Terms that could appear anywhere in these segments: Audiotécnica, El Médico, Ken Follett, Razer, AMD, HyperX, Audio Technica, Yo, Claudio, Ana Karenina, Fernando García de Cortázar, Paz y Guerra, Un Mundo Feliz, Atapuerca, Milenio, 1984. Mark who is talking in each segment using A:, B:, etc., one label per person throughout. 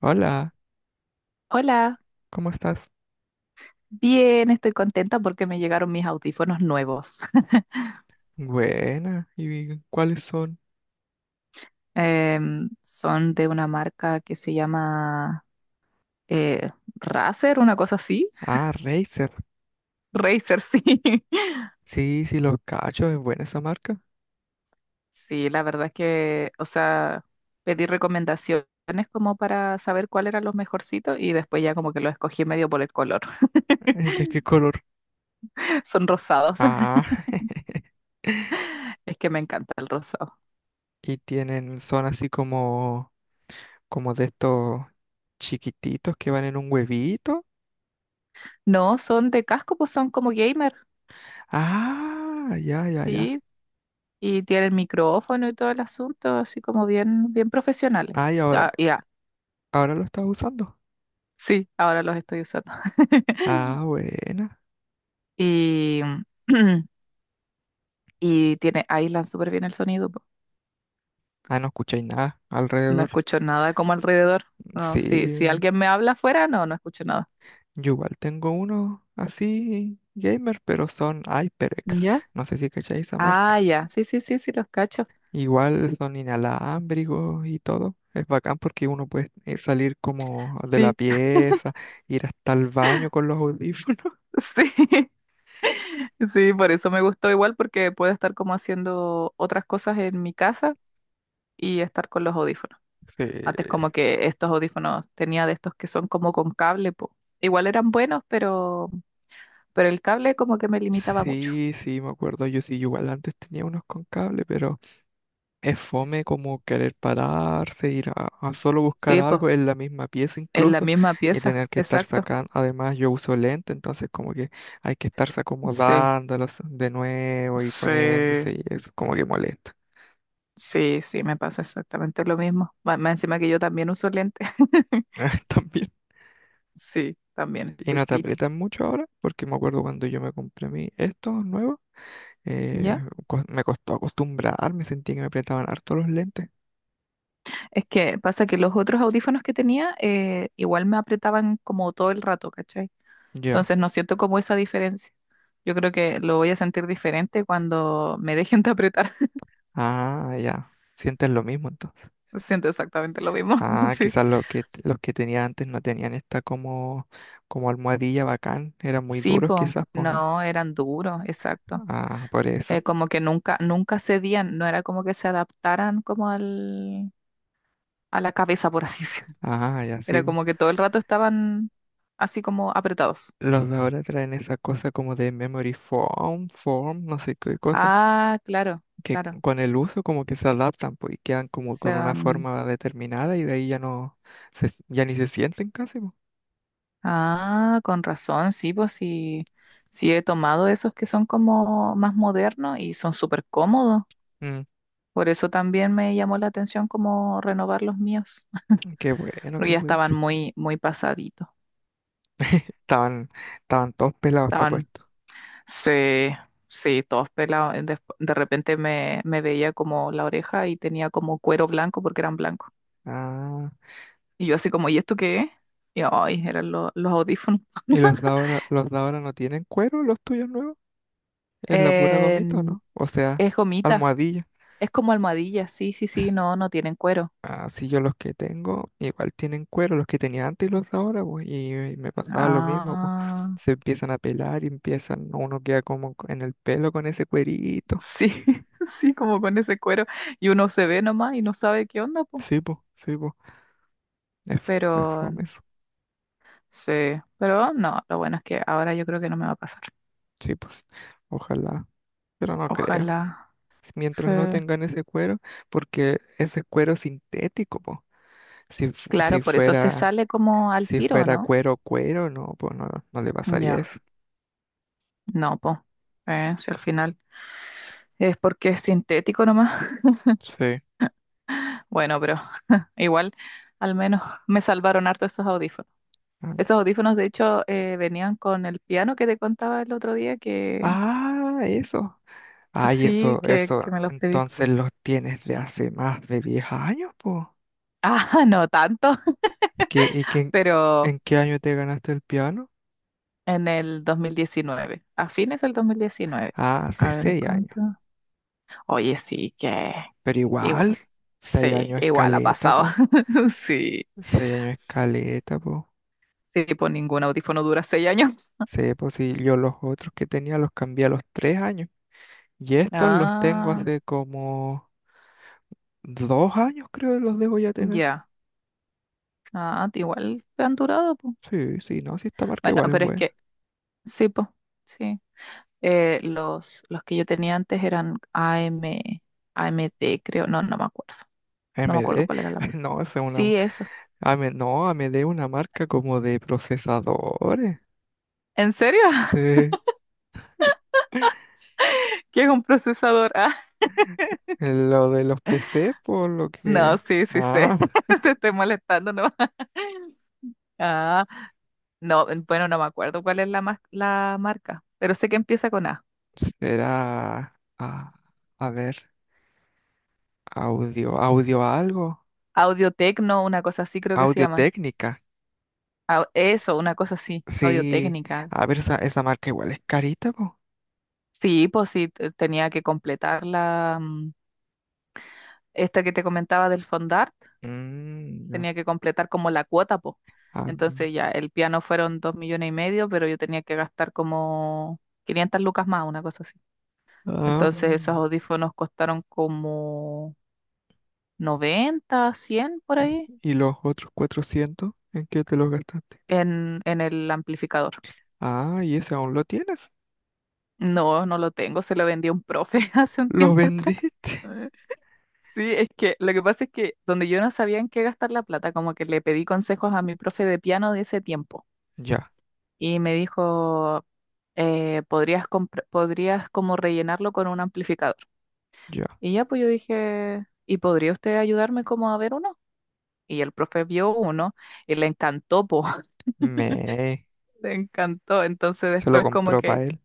A: Hola,
B: Hola,
A: ¿cómo estás?
B: bien, estoy contenta porque me llegaron mis audífonos nuevos.
A: Buena, ¿y cuáles son?
B: Son de una marca que se llama eh, Razer, una cosa así.
A: Ah, Razer.
B: Razer, sí.
A: Sí, sí, los cachos, es buena esa marca.
B: Sí, la verdad es que, o sea, pedí recomendaciones como para saber cuál eran los mejorcitos y después ya como que los escogí medio por el color.
A: ¿De qué color?
B: Son rosados,
A: Ah,
B: es que me encanta el rosado.
A: y tienen, son así como, como de estos chiquititos que van en un huevito.
B: No, son de casco, pues son como gamer.
A: Ah, ya, ya, ya.
B: Sí, y tienen micrófono y todo el asunto, así como bien profesionales.
A: Ah, y ahora,
B: Ah, ya,
A: ahora lo estás usando.
B: sí, ahora los estoy usando.
A: Ah, buena.
B: Y, y tiene, aíslan súper bien el sonido, po.
A: Ah, no escucháis nada
B: No
A: alrededor.
B: escucho nada como alrededor. No, si
A: Sí.
B: alguien me habla afuera, no escucho nada.
A: Yo igual tengo uno así gamer, pero son HyperX.
B: ¿Ya?
A: No sé si cacháis esa
B: Ah,
A: marca.
B: ya, sí, sí, sí, sí, los cacho.
A: Igual son inalámbricos y todo. Es bacán porque uno puede salir como de la
B: Sí,
A: pieza, ir hasta el baño con los audífonos.
B: sí, sí, por eso me gustó igual, porque puedo estar como haciendo otras cosas en mi casa y estar con los audífonos.
A: Sí,
B: Antes como que estos audífonos tenía de estos que son como con cable, po. Igual eran buenos, pero el cable como que me limitaba mucho.
A: sí, sí, me acuerdo. Yo sí, igual antes tenía unos con cable, pero es fome como querer pararse, ir a solo buscar
B: Sí, pues,
A: algo en la misma pieza
B: en la
A: incluso
B: misma
A: y
B: pieza,
A: tener que estar
B: exacto.
A: sacando. Además, yo uso lente, entonces como que hay que estarse
B: Sí,
A: acomodándolos de nuevo y
B: sí,
A: poniéndose y es como que molesta.
B: sí, sí, me pasa exactamente lo mismo. Más encima que yo también uso lentes.
A: También.
B: Sí, también
A: Y
B: estoy
A: no te
B: piti.
A: aprietan mucho ahora, porque me acuerdo cuando yo me compré mi estos nuevos, eh,
B: ¿Ya?
A: me costó acostumbrarme, sentí que me apretaban harto los lentes.
B: Es que pasa que los otros audífonos que tenía igual me apretaban como todo el rato, ¿cachai?
A: Yo,
B: Entonces no siento como esa diferencia. Yo creo que lo voy a sentir diferente cuando me dejen de apretar.
A: ah, ya, sientes lo mismo entonces.
B: Siento exactamente lo mismo.
A: Ah,
B: Sí.
A: quizás los que tenía antes no tenían esta como, como almohadilla bacán, eran muy
B: Sí,
A: duros
B: po,
A: quizás, pues no.
B: no, eran duros, exacto.
A: Ah, por eso.
B: Como que nunca cedían, no era como que se adaptaran como a la cabeza, por así decirlo.
A: Ah, ya sí,
B: Era
A: po.
B: como que todo el rato estaban así como apretados.
A: Los de ahora traen esa cosa como de memory foam, form, no sé qué cosa,
B: Ah, claro,
A: que
B: claro,
A: con el uso como que se adaptan, pues, y quedan como
B: se
A: con una
B: van.
A: forma determinada y de ahí ya no, se, ya ni se sienten casi, po.
B: Ah, con razón, sí, pues sí, sí he tomado esos que son como más modernos y son súper cómodos.
A: Mm,
B: Por eso también me llamó la atención como renovar los míos,
A: qué bueno
B: porque
A: que
B: ya estaban
A: pudiste.
B: muy pasaditos.
A: Estaban, estaban todos pelados, está
B: Estaban,
A: puesto.
B: sí, sí, todos pelados. De repente me veía como la oreja y tenía como cuero blanco porque eran blancos.
A: Ah,
B: Y yo así como, ¿y esto qué es? Y ay, los audífonos.
A: ¿y los de ahora no tienen cuero, los tuyos nuevos? Es la pura gomita, ¿o
B: En-
A: no? O sea,
B: es gomita,
A: almohadilla.
B: es como almohadilla, sí, sí, sí,
A: S-
B: no, no tienen cuero.
A: Así yo los que tengo, igual tienen cuero, los que tenía antes y los de ahora, pues, y me pasaba lo mismo, pues.
B: Ah,
A: Se empiezan a pelar y empiezan, uno queda como en el pelo con ese cuerito.
B: sí, sí, como con ese cuero. Y uno se ve nomás y no sabe qué onda, po.
A: Sí, pues, sí, pues. Es,
B: Pero
A: es fome eso.
B: sí, pero no, lo bueno es que ahora yo creo que no me va a pasar.
A: Sí, pues, ojalá, pero no creo.
B: Ojalá.
A: Si mientras
B: Sí.
A: no tengan ese cuero, porque ese cuero sintético, pues. Si,
B: Claro,
A: si
B: por eso se
A: fuera,
B: sale como al
A: si
B: tiro,
A: fuera
B: ¿no?
A: cuero, cuero, no, pues no, no le pasaría
B: Ya,
A: eso.
B: no, po. Si al final es porque es sintético nomás.
A: Sí.
B: Bueno, pero igual, al menos me salvaron harto esos audífonos.
A: Ah,
B: Esos audífonos, de hecho, venían con el piano que te contaba el otro día que
A: ah, eso. Ay,
B: sí,
A: eso,
B: que
A: eso.
B: me los pedí.
A: Entonces los tienes de hace más de 10 años, po.
B: Ah, no tanto,
A: ¿Qué, y qué,
B: pero
A: en qué año te ganaste el piano?
B: en el 2019, a fines del 2019.
A: Ah, hace
B: A ver
A: 6 años.
B: cuánto. Oye, sí, que
A: Pero igual,
B: igual.
A: 6
B: Sí,
A: años es
B: igual ha
A: caleta,
B: pasado.
A: po.
B: Sí.
A: 6 años es
B: Sí,
A: caleta, po.
B: pues ningún audífono dura 6 años.
A: Sí, pues sí, yo los otros que tenía los cambié a los 3 años. Y estos los tengo
B: Ah,
A: hace como 2 años, creo que los debo ya tener.
B: ya. Ah, igual han durado, pues.
A: Sí, sí, no, si esta marca
B: Bueno,
A: igual es
B: pero es
A: buena.
B: que, sí, pues, sí. Los que yo tenía antes eran AM, AMD, creo, no, no me acuerdo. No
A: M
B: me
A: D.
B: acuerdo cuál era la más.
A: No, esa es una
B: Sí, eso.
A: ame no, AMD es una marca como de procesadores.
B: ¿En serio?
A: Sí,
B: ¿Qué es un procesador? Ah,
A: lo de los PC, por lo
B: no,
A: que...
B: sí, sí sé.
A: Ah,
B: Te estoy molestando, ¿no? Ah, no, bueno, no me acuerdo cuál es la, la marca, pero sé que empieza con A.
A: será... ah, a ver, audio, audio algo,
B: Audiotecno, una cosa así creo que se
A: audio
B: llaman.
A: técnica.
B: Eso, una cosa así,
A: Sí,
B: Audiotécnica.
A: a ver, esa marca igual es carita, po.
B: Sí, pues sí, tenía que completar la, esta que te comentaba del fondar,
A: Mm, no,
B: tenía que completar como la cuota, po.
A: ah,
B: Entonces ya, el piano fueron 2,5 millones, pero yo tenía que gastar como 500 lucas más, una cosa así.
A: ah,
B: Entonces esos
A: mm,
B: audífonos costaron como 90, 100 por ahí
A: ¿y los otros 400? ¿En qué te los gastaste?
B: en el amplificador.
A: Ah, ¿y ese aún lo tienes?
B: No, no lo tengo, se lo vendí a un profe hace un
A: ¿Lo
B: tiempo atrás.
A: vendiste?
B: Eh, Sí, es que lo que pasa es que donde yo no sabía en qué gastar la plata, como que le pedí consejos a mi profe de piano de ese tiempo.
A: Ya,
B: Y me dijo, podrías como rellenarlo con un amplificador.
A: ya.
B: Y ya pues yo dije, ¿y podría usted ayudarme como a ver uno? Y el profe vio uno y le encantó, po,
A: Me.
B: le encantó. Entonces
A: Se lo
B: después como
A: compró
B: que,
A: para él.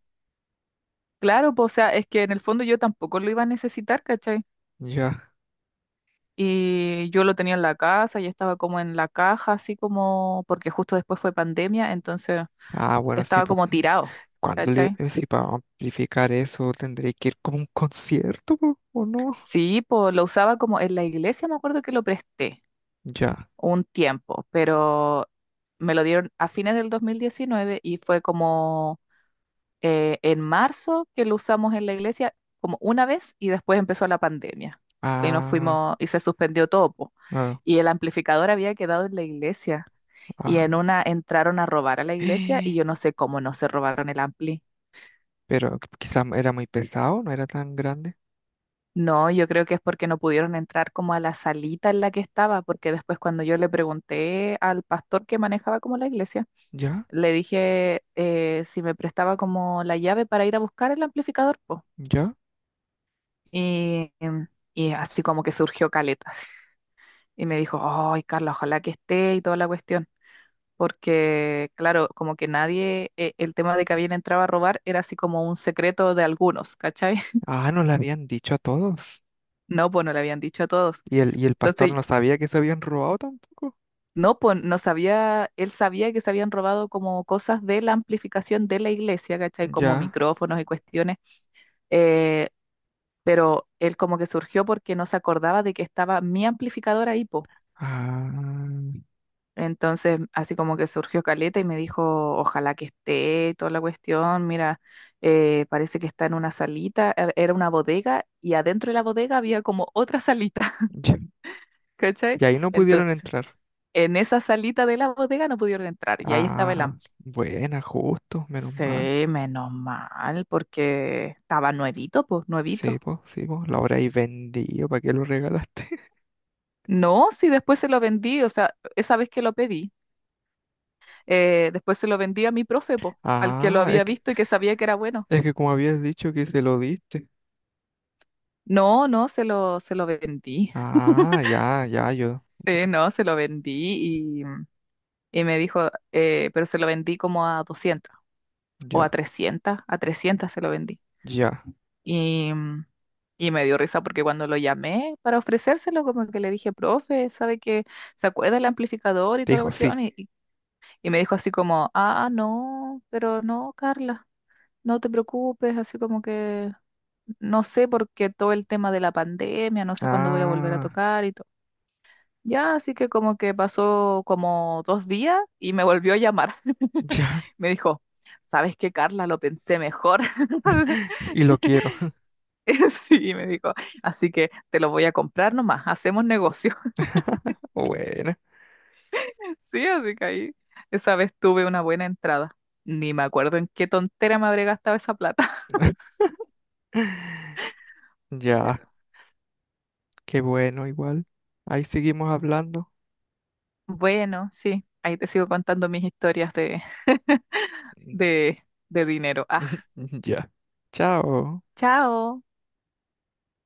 B: claro, pues o sea, es que en el fondo yo tampoco lo iba a necesitar, ¿cachai?
A: Ya.
B: Y yo lo tenía en la casa, ya estaba como en la caja, así como, porque justo después fue pandemia, entonces
A: Ah, bueno, sí,
B: estaba
A: pues.
B: como tirado,
A: Cuando le,
B: ¿cachai?
A: si para amplificar eso tendré que ir como a un concierto, po, ¿o no?
B: Sí, pues lo usaba como en la iglesia, me acuerdo que lo presté
A: Ya.
B: un tiempo, pero me lo dieron a fines del 2019 y fue como en marzo que lo usamos en la iglesia como una vez y después empezó la pandemia y nos
A: Ah,
B: fuimos y se suspendió todo, po.
A: ah,
B: Y el amplificador había quedado en la iglesia y
A: ah.
B: en una entraron a robar a la iglesia y yo no sé cómo no se robaron el ampli.
A: Pero quizás era muy pesado, no era tan grande.
B: No, yo creo que es porque no pudieron entrar como a la salita en la que estaba, porque después cuando yo le pregunté al pastor que manejaba como la iglesia,
A: Ya,
B: le dije si me prestaba como la llave para ir a buscar el amplificador, po.
A: ya.
B: Y, y así como que surgió caleta. Y me dijo, ay, Carla, ojalá que esté y toda la cuestión. Porque, claro, como que nadie, el tema de que habían entrado a robar era así como un secreto de algunos, ¿cachai?
A: Ah, no le habían dicho a todos.
B: No, pues no le habían dicho a todos.
A: Y el pastor
B: Entonces
A: no sabía que se habían robado tampoco.
B: no, pues no sabía, él sabía que se habían robado como cosas de la amplificación de la iglesia, ¿cachai? Como
A: Ya.
B: micrófonos y cuestiones, eh, pero él como que surgió porque no se acordaba de que estaba mi amplificador ahí, po.
A: Ah,
B: Entonces, así como que surgió Caleta y me dijo, ojalá que esté toda la cuestión, mira, parece que está en una salita, era una bodega y adentro de la bodega había como otra salita,
A: ya.
B: ¿cachai?
A: Y ahí no pudieron
B: Entonces,
A: entrar.
B: en esa salita de la bodega no pudieron entrar y ahí estaba el
A: Ah, buena, justo, menos
B: sí,
A: mal.
B: menos mal, porque estaba nuevito, pues, nuevito.
A: Sí, pues, lo habréis vendido, ¿para qué lo regalaste?
B: No, sí, después se lo vendí, o sea, esa vez que lo pedí, después se lo vendí a mi profe, pues, al que lo
A: Ah,
B: había visto y que sabía que era bueno.
A: es que como habías dicho que se lo diste.
B: No, no, se lo vendí.
A: Ah, ya, ya, yo,
B: Sí, no, se lo vendí y me dijo, pero se lo vendí como a 200 o a
A: ya,
B: 300, a 300 se lo vendí.
A: ya.
B: Y y me dio risa porque cuando lo llamé para ofrecérselo, como que le dije, profe, ¿sabe que se acuerda el amplificador y
A: Te
B: toda la
A: dijo sí.
B: cuestión? Y me dijo así como, ah, no, pero no, Carla, no te preocupes, así como que no sé porque todo el tema de la pandemia, no sé cuándo voy a volver a
A: Ah,
B: tocar y todo. Ya, así que como que pasó como 2 días y me volvió a llamar.
A: ya.
B: Me dijo, ¿sabes qué, Carla? Lo pensé mejor.
A: Y lo quiero.
B: Sí, me dijo, así que te lo voy a comprar nomás, hacemos negocio.
A: Bueno.
B: Sí, así que ahí esa vez tuve una buena entrada. Ni me acuerdo en qué tontera me habré gastado esa plata.
A: Ya, qué bueno, igual. Ahí seguimos hablando.
B: Bueno, sí, ahí te sigo contando mis historias de, de dinero. Ah,
A: Ya. Chao.
B: chao.